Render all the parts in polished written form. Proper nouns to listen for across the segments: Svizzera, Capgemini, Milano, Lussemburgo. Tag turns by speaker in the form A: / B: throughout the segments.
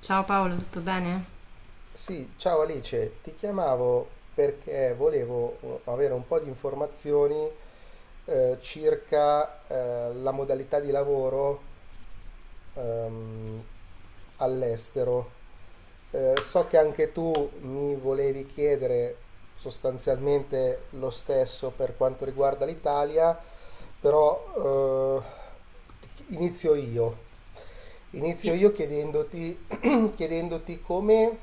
A: Ciao Paolo, tutto bene?
B: Sì, ciao Alice, ti chiamavo perché volevo avere un po' di informazioni circa la modalità di lavoro ehm, all'estero. So che anche tu mi volevi chiedere sostanzialmente lo stesso per quanto riguarda l'Italia, però inizio io. Inizio
A: Sì.
B: io chiedendoti, chiedendoti come,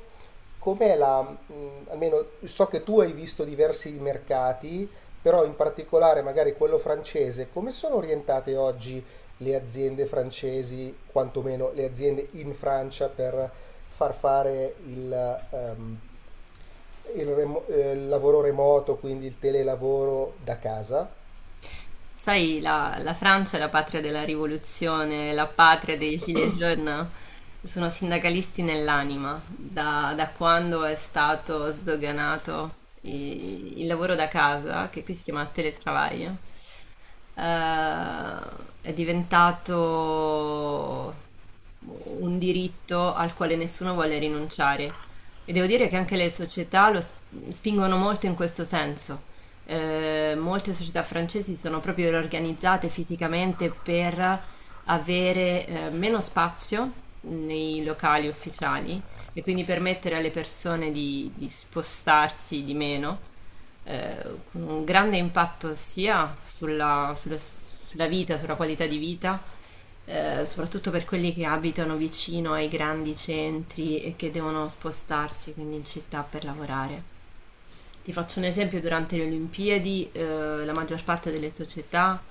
B: com'è la, almeno so che tu hai visto diversi mercati, però in particolare magari quello francese, come sono orientate oggi le aziende francesi, quantomeno le aziende in Francia, per far fare il, il lavoro remoto, quindi il telelavoro da casa.
A: Sai, la Francia è la patria della rivoluzione, la patria dei gilets jaunes. Sono sindacalisti nell'anima, da quando è stato sdoganato il lavoro da casa, che qui si chiama teletravaglio, è diventato un diritto al quale nessuno vuole rinunciare. E devo dire che anche le società spingono molto in questo senso. Molte società francesi sono proprio organizzate fisicamente per avere meno spazio nei locali ufficiali e quindi permettere alle persone di spostarsi di meno, con un grande impatto sia sulla vita, sulla qualità di vita, soprattutto per quelli che abitano vicino ai grandi centri e che devono spostarsi quindi in città per lavorare. Ti faccio un esempio, durante le Olimpiadi la maggior parte delle società,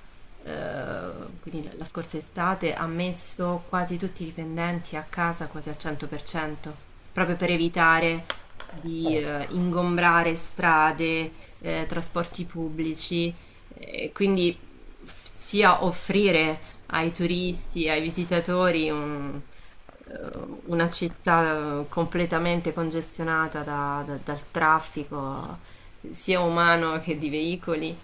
A: quindi la scorsa estate, ha messo quasi tutti i dipendenti a casa quasi al 100%, proprio per evitare di
B: Ah,
A: ingombrare strade, trasporti pubblici, quindi sia offrire ai turisti, ai visitatori una città completamente congestionata dal traffico sia umano che di veicoli,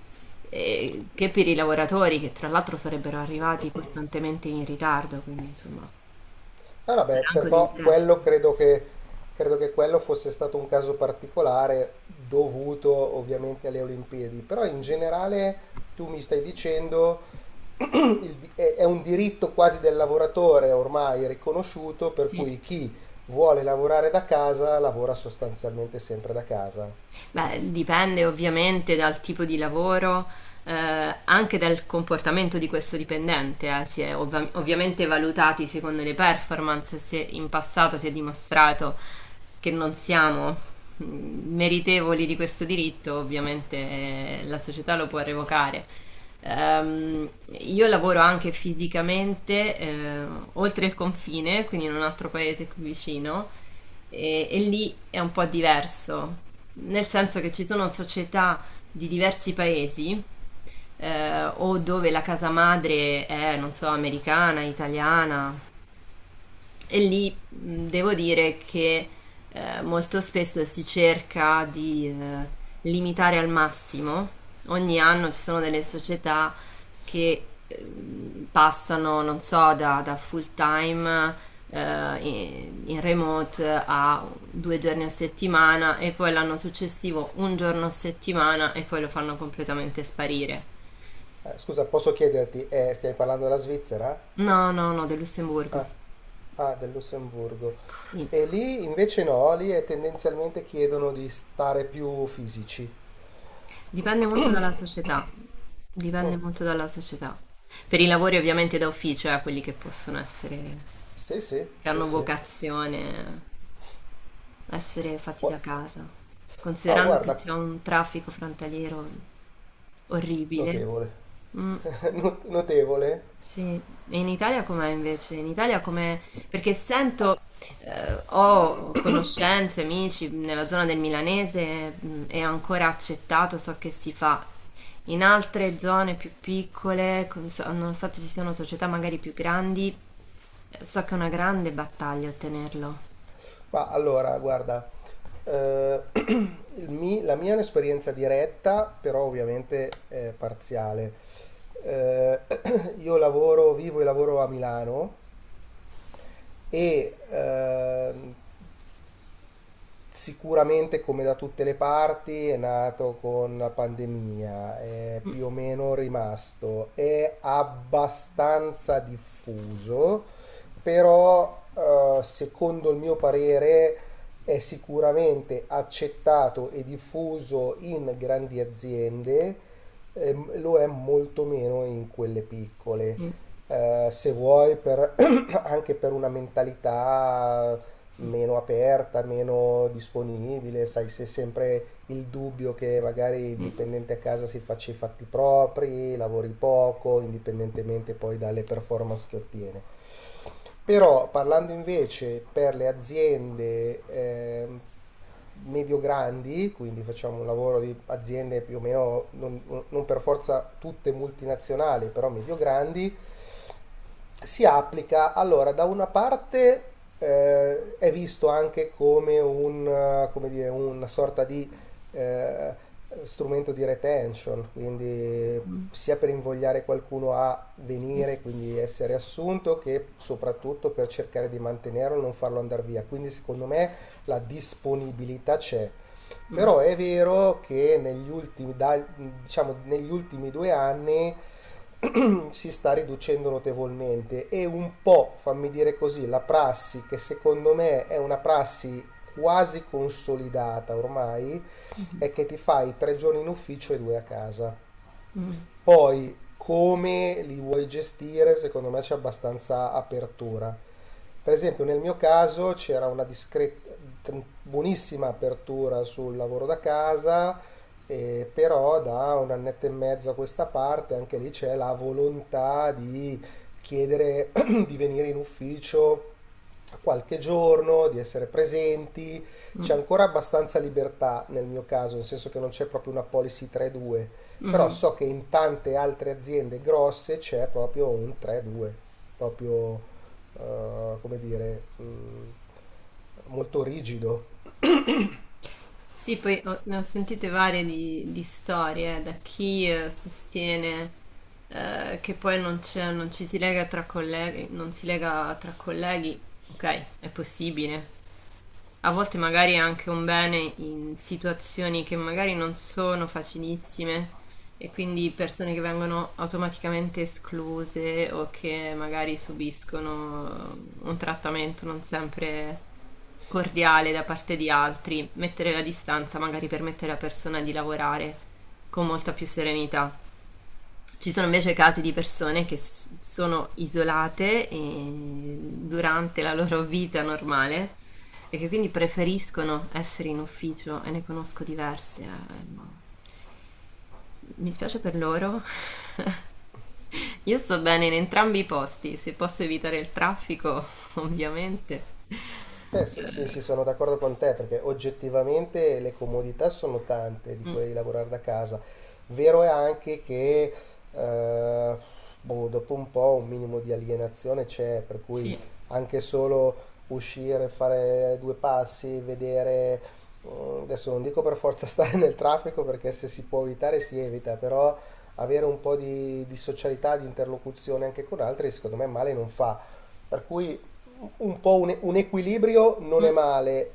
A: che per i lavoratori che tra l'altro sarebbero arrivati costantemente in ritardo, quindi insomma
B: ah, vabbè,
A: era anche un
B: però
A: interesse.
B: credo che quello fosse stato un caso particolare dovuto ovviamente alle Olimpiadi, però in generale tu mi stai dicendo è un diritto quasi del lavoratore ormai riconosciuto, per
A: Sì.
B: cui chi vuole lavorare da casa lavora sostanzialmente sempre da casa.
A: Beh, dipende ovviamente dal tipo di lavoro, eh, anche dal comportamento di questo dipendente. Ovviamente valutati secondo le performance, se in passato si è dimostrato che non siamo meritevoli di questo diritto, ovviamente la società lo può revocare. Ehm, io lavoro anche fisicamente oltre il confine, quindi in un altro paese qui vicino, e lì è un po' diverso, nel senso che ci sono società di diversi paesi o dove la casa madre è, non so, americana, italiana, e lì devo dire che molto spesso si cerca di limitare al massimo. Ogni anno ci sono delle società che passano, non so, da full time in, in remote a due giorni a settimana e poi l'anno successivo un giorno a settimana e poi lo fanno completamente sparire.
B: Scusa, posso chiederti, stiamo parlando della Svizzera?
A: No, no, no, del Lussemburgo.
B: Ah, ah, del Lussemburgo.
A: Sì.
B: E lì invece no, lì è tendenzialmente chiedono di stare più fisici.
A: Dipende molto dalla società,
B: Mm,
A: dipende molto dalla società. Per i lavori ovviamente da ufficio, quelli che possono essere,
B: sì, sì,
A: che
B: sì,
A: hanno
B: sì.
A: vocazione, essere fatti
B: Gu-
A: da casa.
B: Ah,
A: Considerando che
B: guarda,
A: c'è un traffico frontaliero orribile.
B: notevole.
A: Mm.
B: Notevole.
A: Sì, e in Italia com'è invece? In Italia com'è? Perché sento, ho conoscenze, amici nella zona del Milanese, è ancora accettato, so che si fa. In altre zone più piccole, nonostante ci siano società magari più grandi, so che è una grande battaglia ottenerlo.
B: Ma allora, guarda, la mia è un'esperienza diretta, però ovviamente è parziale. Eh, io lavoro, vivo e lavoro a Milano e sicuramente come da tutte le parti è nato con la pandemia, è più o meno rimasto, è abbastanza diffuso, però secondo il mio parere è sicuramente accettato e diffuso in grandi aziende e lo è molto meno in quelle piccole. Se vuoi, per, anche per una mentalità meno aperta, meno disponibile, sai, c'è sempre il dubbio che magari il dipendente a casa si faccia i fatti propri, lavori poco, indipendentemente poi dalle performance che ottiene. Però parlando invece per le aziende medio-grandi, quindi facciamo un lavoro di aziende più o meno, non per forza tutte multinazionali, però medio-grandi, si applica, allora, da una parte è visto anche come, un, come dire, una sorta di eh, strumento di retention, quindi
A: Mm,
B: sia per invogliare qualcuno a venire, quindi essere assunto, che soprattutto per cercare di mantenerlo e non farlo andare via. Quindi secondo me la disponibilità c'è.
A: mm,
B: Però è vero che diciamo, negli ultimi 2 anni si sta riducendo notevolmente e un po', fammi dire così, la prassi che secondo me è una prassi quasi consolidata ormai è che ti fai 3 giorni in ufficio e due a casa. Poi come li vuoi gestire, secondo me c'è abbastanza apertura. Per esempio, nel mio caso c'era una discreta, buonissima apertura sul lavoro da casa, però da un annetto e mezzo a questa parte anche lì c'è la volontà di chiedere di venire in ufficio a qualche giorno, di essere presenti. C'è
A: mm,
B: ancora abbastanza libertà nel mio caso, nel senso che non c'è proprio una policy 3-2,
A: mm,
B: però
A: mm.
B: so che in tante altre aziende grosse c'è proprio un 3-2, proprio come dire, molto rigido.
A: Sì, poi ne ho sentite varie di storie, da chi sostiene che poi non ci si lega tra colleghi, non si lega tra colleghi, ok, è possibile, a volte magari è anche un bene in situazioni che magari non sono facilissime e quindi persone che vengono automaticamente escluse o che magari subiscono un trattamento non sempre cordiale da parte di altri, mettere la distanza magari permette alla persona di lavorare con molta più serenità. Ci sono invece casi di persone sono isolate e durante la loro vita normale e che quindi preferiscono essere in ufficio e ne conosco diverse. Mi spiace per loro. Io sto bene in entrambi i posti, se posso evitare il traffico, ovviamente.
B: Sì,
A: Eh,
B: sì, sono d'accordo con te perché oggettivamente le comodità sono tante di
A: mm,
B: quelle di lavorare da casa. Vero è anche che eh, boh, dopo un po' un minimo di alienazione c'è, per cui
A: sì,
B: anche solo uscire, fare due passi, vedere, adesso non dico per forza stare nel traffico perché se si può evitare si evita, però avere un po' di socialità, di interlocuzione anche con altri, secondo me male non fa. Per cui un po' un equilibrio non è
A: mm,
B: male.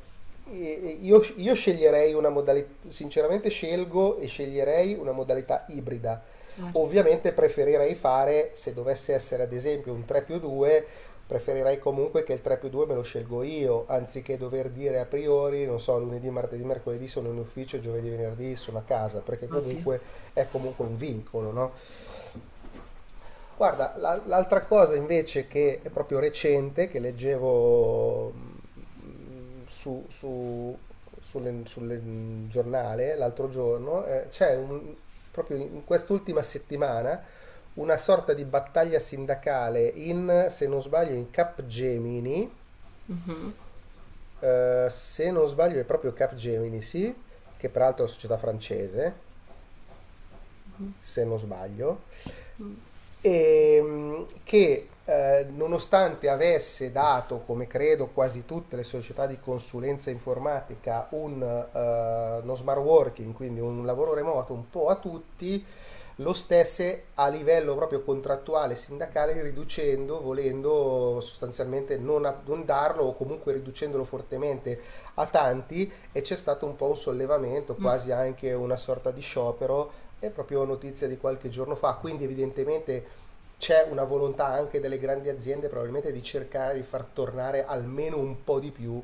B: Io sceglierei una modalità, sinceramente scelgo e sceglierei una modalità ibrida.
A: certo,
B: Ovviamente preferirei fare, se dovesse essere ad esempio un 3 più 2, preferirei comunque che il 3 più 2 me lo scelgo io, anziché dover dire a priori, non so, lunedì, martedì, mercoledì sono in ufficio, giovedì, venerdì sono a casa, perché
A: ovvio.
B: comunque è comunque un vincolo, no? Guarda, l'altra cosa invece che è proprio recente, che leggevo giornale l'altro giorno, proprio in quest'ultima settimana una sorta di battaglia sindacale in, se non sbaglio, in Capgemini,
A: Mhm,
B: se non sbaglio è proprio Capgemini, sì, che peraltro è una società francese, se non sbaglio
A: mm,
B: che nonostante avesse dato, come credo quasi tutte le società di consulenza informatica, uno smart working, quindi un lavoro remoto un po' a tutti, lo stesse a livello proprio contrattuale sindacale riducendo, volendo sostanzialmente non darlo o comunque riducendolo fortemente a tanti e c'è stato un po' un sollevamento,
A: mm.
B: quasi anche una sorta di sciopero, è proprio notizia di qualche giorno fa, quindi evidentemente c'è una volontà anche delle grandi aziende probabilmente di cercare di far tornare almeno un po' di più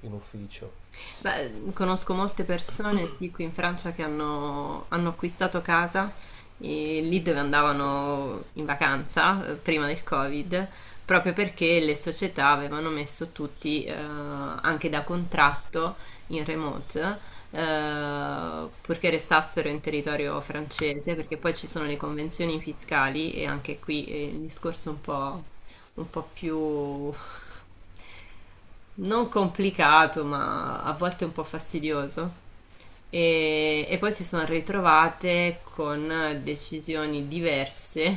B: in ufficio.
A: Beh, conosco molte persone, sì, qui in Francia che hanno acquistato casa lì dove andavano in vacanza prima del Covid, proprio perché le società avevano messo tutti anche da contratto in remote, purché restassero in territorio francese, perché poi ci sono le convenzioni fiscali e anche qui è il discorso un po' più non complicato, ma a volte un po' fastidioso. E poi si sono ritrovate con decisioni diverse,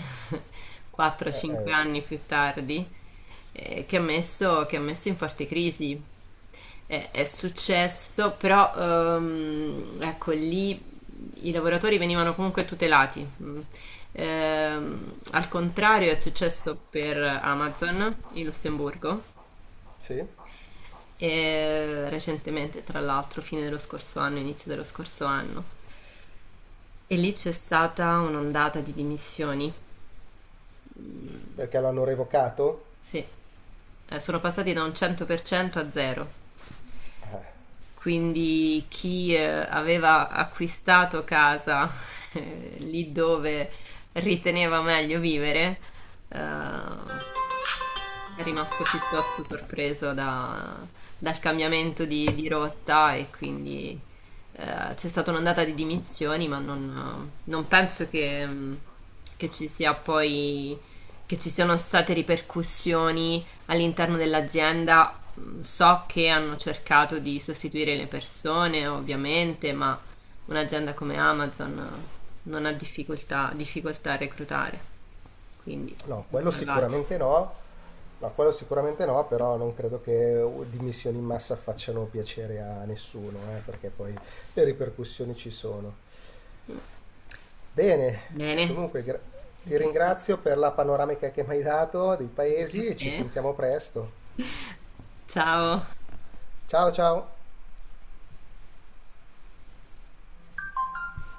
A: 4-5
B: Eh.
A: anni più tardi, che ha messo in forte crisi. È successo, però ecco lì i lavoratori venivano comunque tutelati. Mm. Al contrario è successo per Amazon in Lussemburgo
B: Sì?
A: e recentemente, tra l'altro, fine dello scorso anno, inizio dello scorso anno. E lì c'è stata un'ondata di dimissioni.
B: Perché l'hanno revocato?
A: Sì. Sono passati da un 100% a zero.
B: Eh,
A: Quindi chi aveva acquistato casa lì dove riteneva meglio vivere, eh, è rimasto piuttosto sorpreso dal cambiamento di rotta e quindi c'è stata un'ondata di dimissioni, ma non penso che, che ci sia poi, che ci siano state ripercussioni all'interno dell'azienda. Mh. So che hanno cercato di sostituire le persone, ovviamente, ma un'azienda come Amazon non ha difficoltà, difficoltà a reclutare, quindi si
B: no,
A: sono
B: quello
A: salvati.
B: sicuramente no. No, quello sicuramente no, però non credo che dimissioni in massa facciano piacere a nessuno, perché poi le ripercussioni ci sono. Bene,
A: Bene.
B: comunque gra- ti
A: Grazie
B: ringrazio per la panoramica che mi hai dato dei
A: anche a
B: paesi e ci
A: te.
B: sentiamo presto.
A: Ciao.
B: Ciao ciao!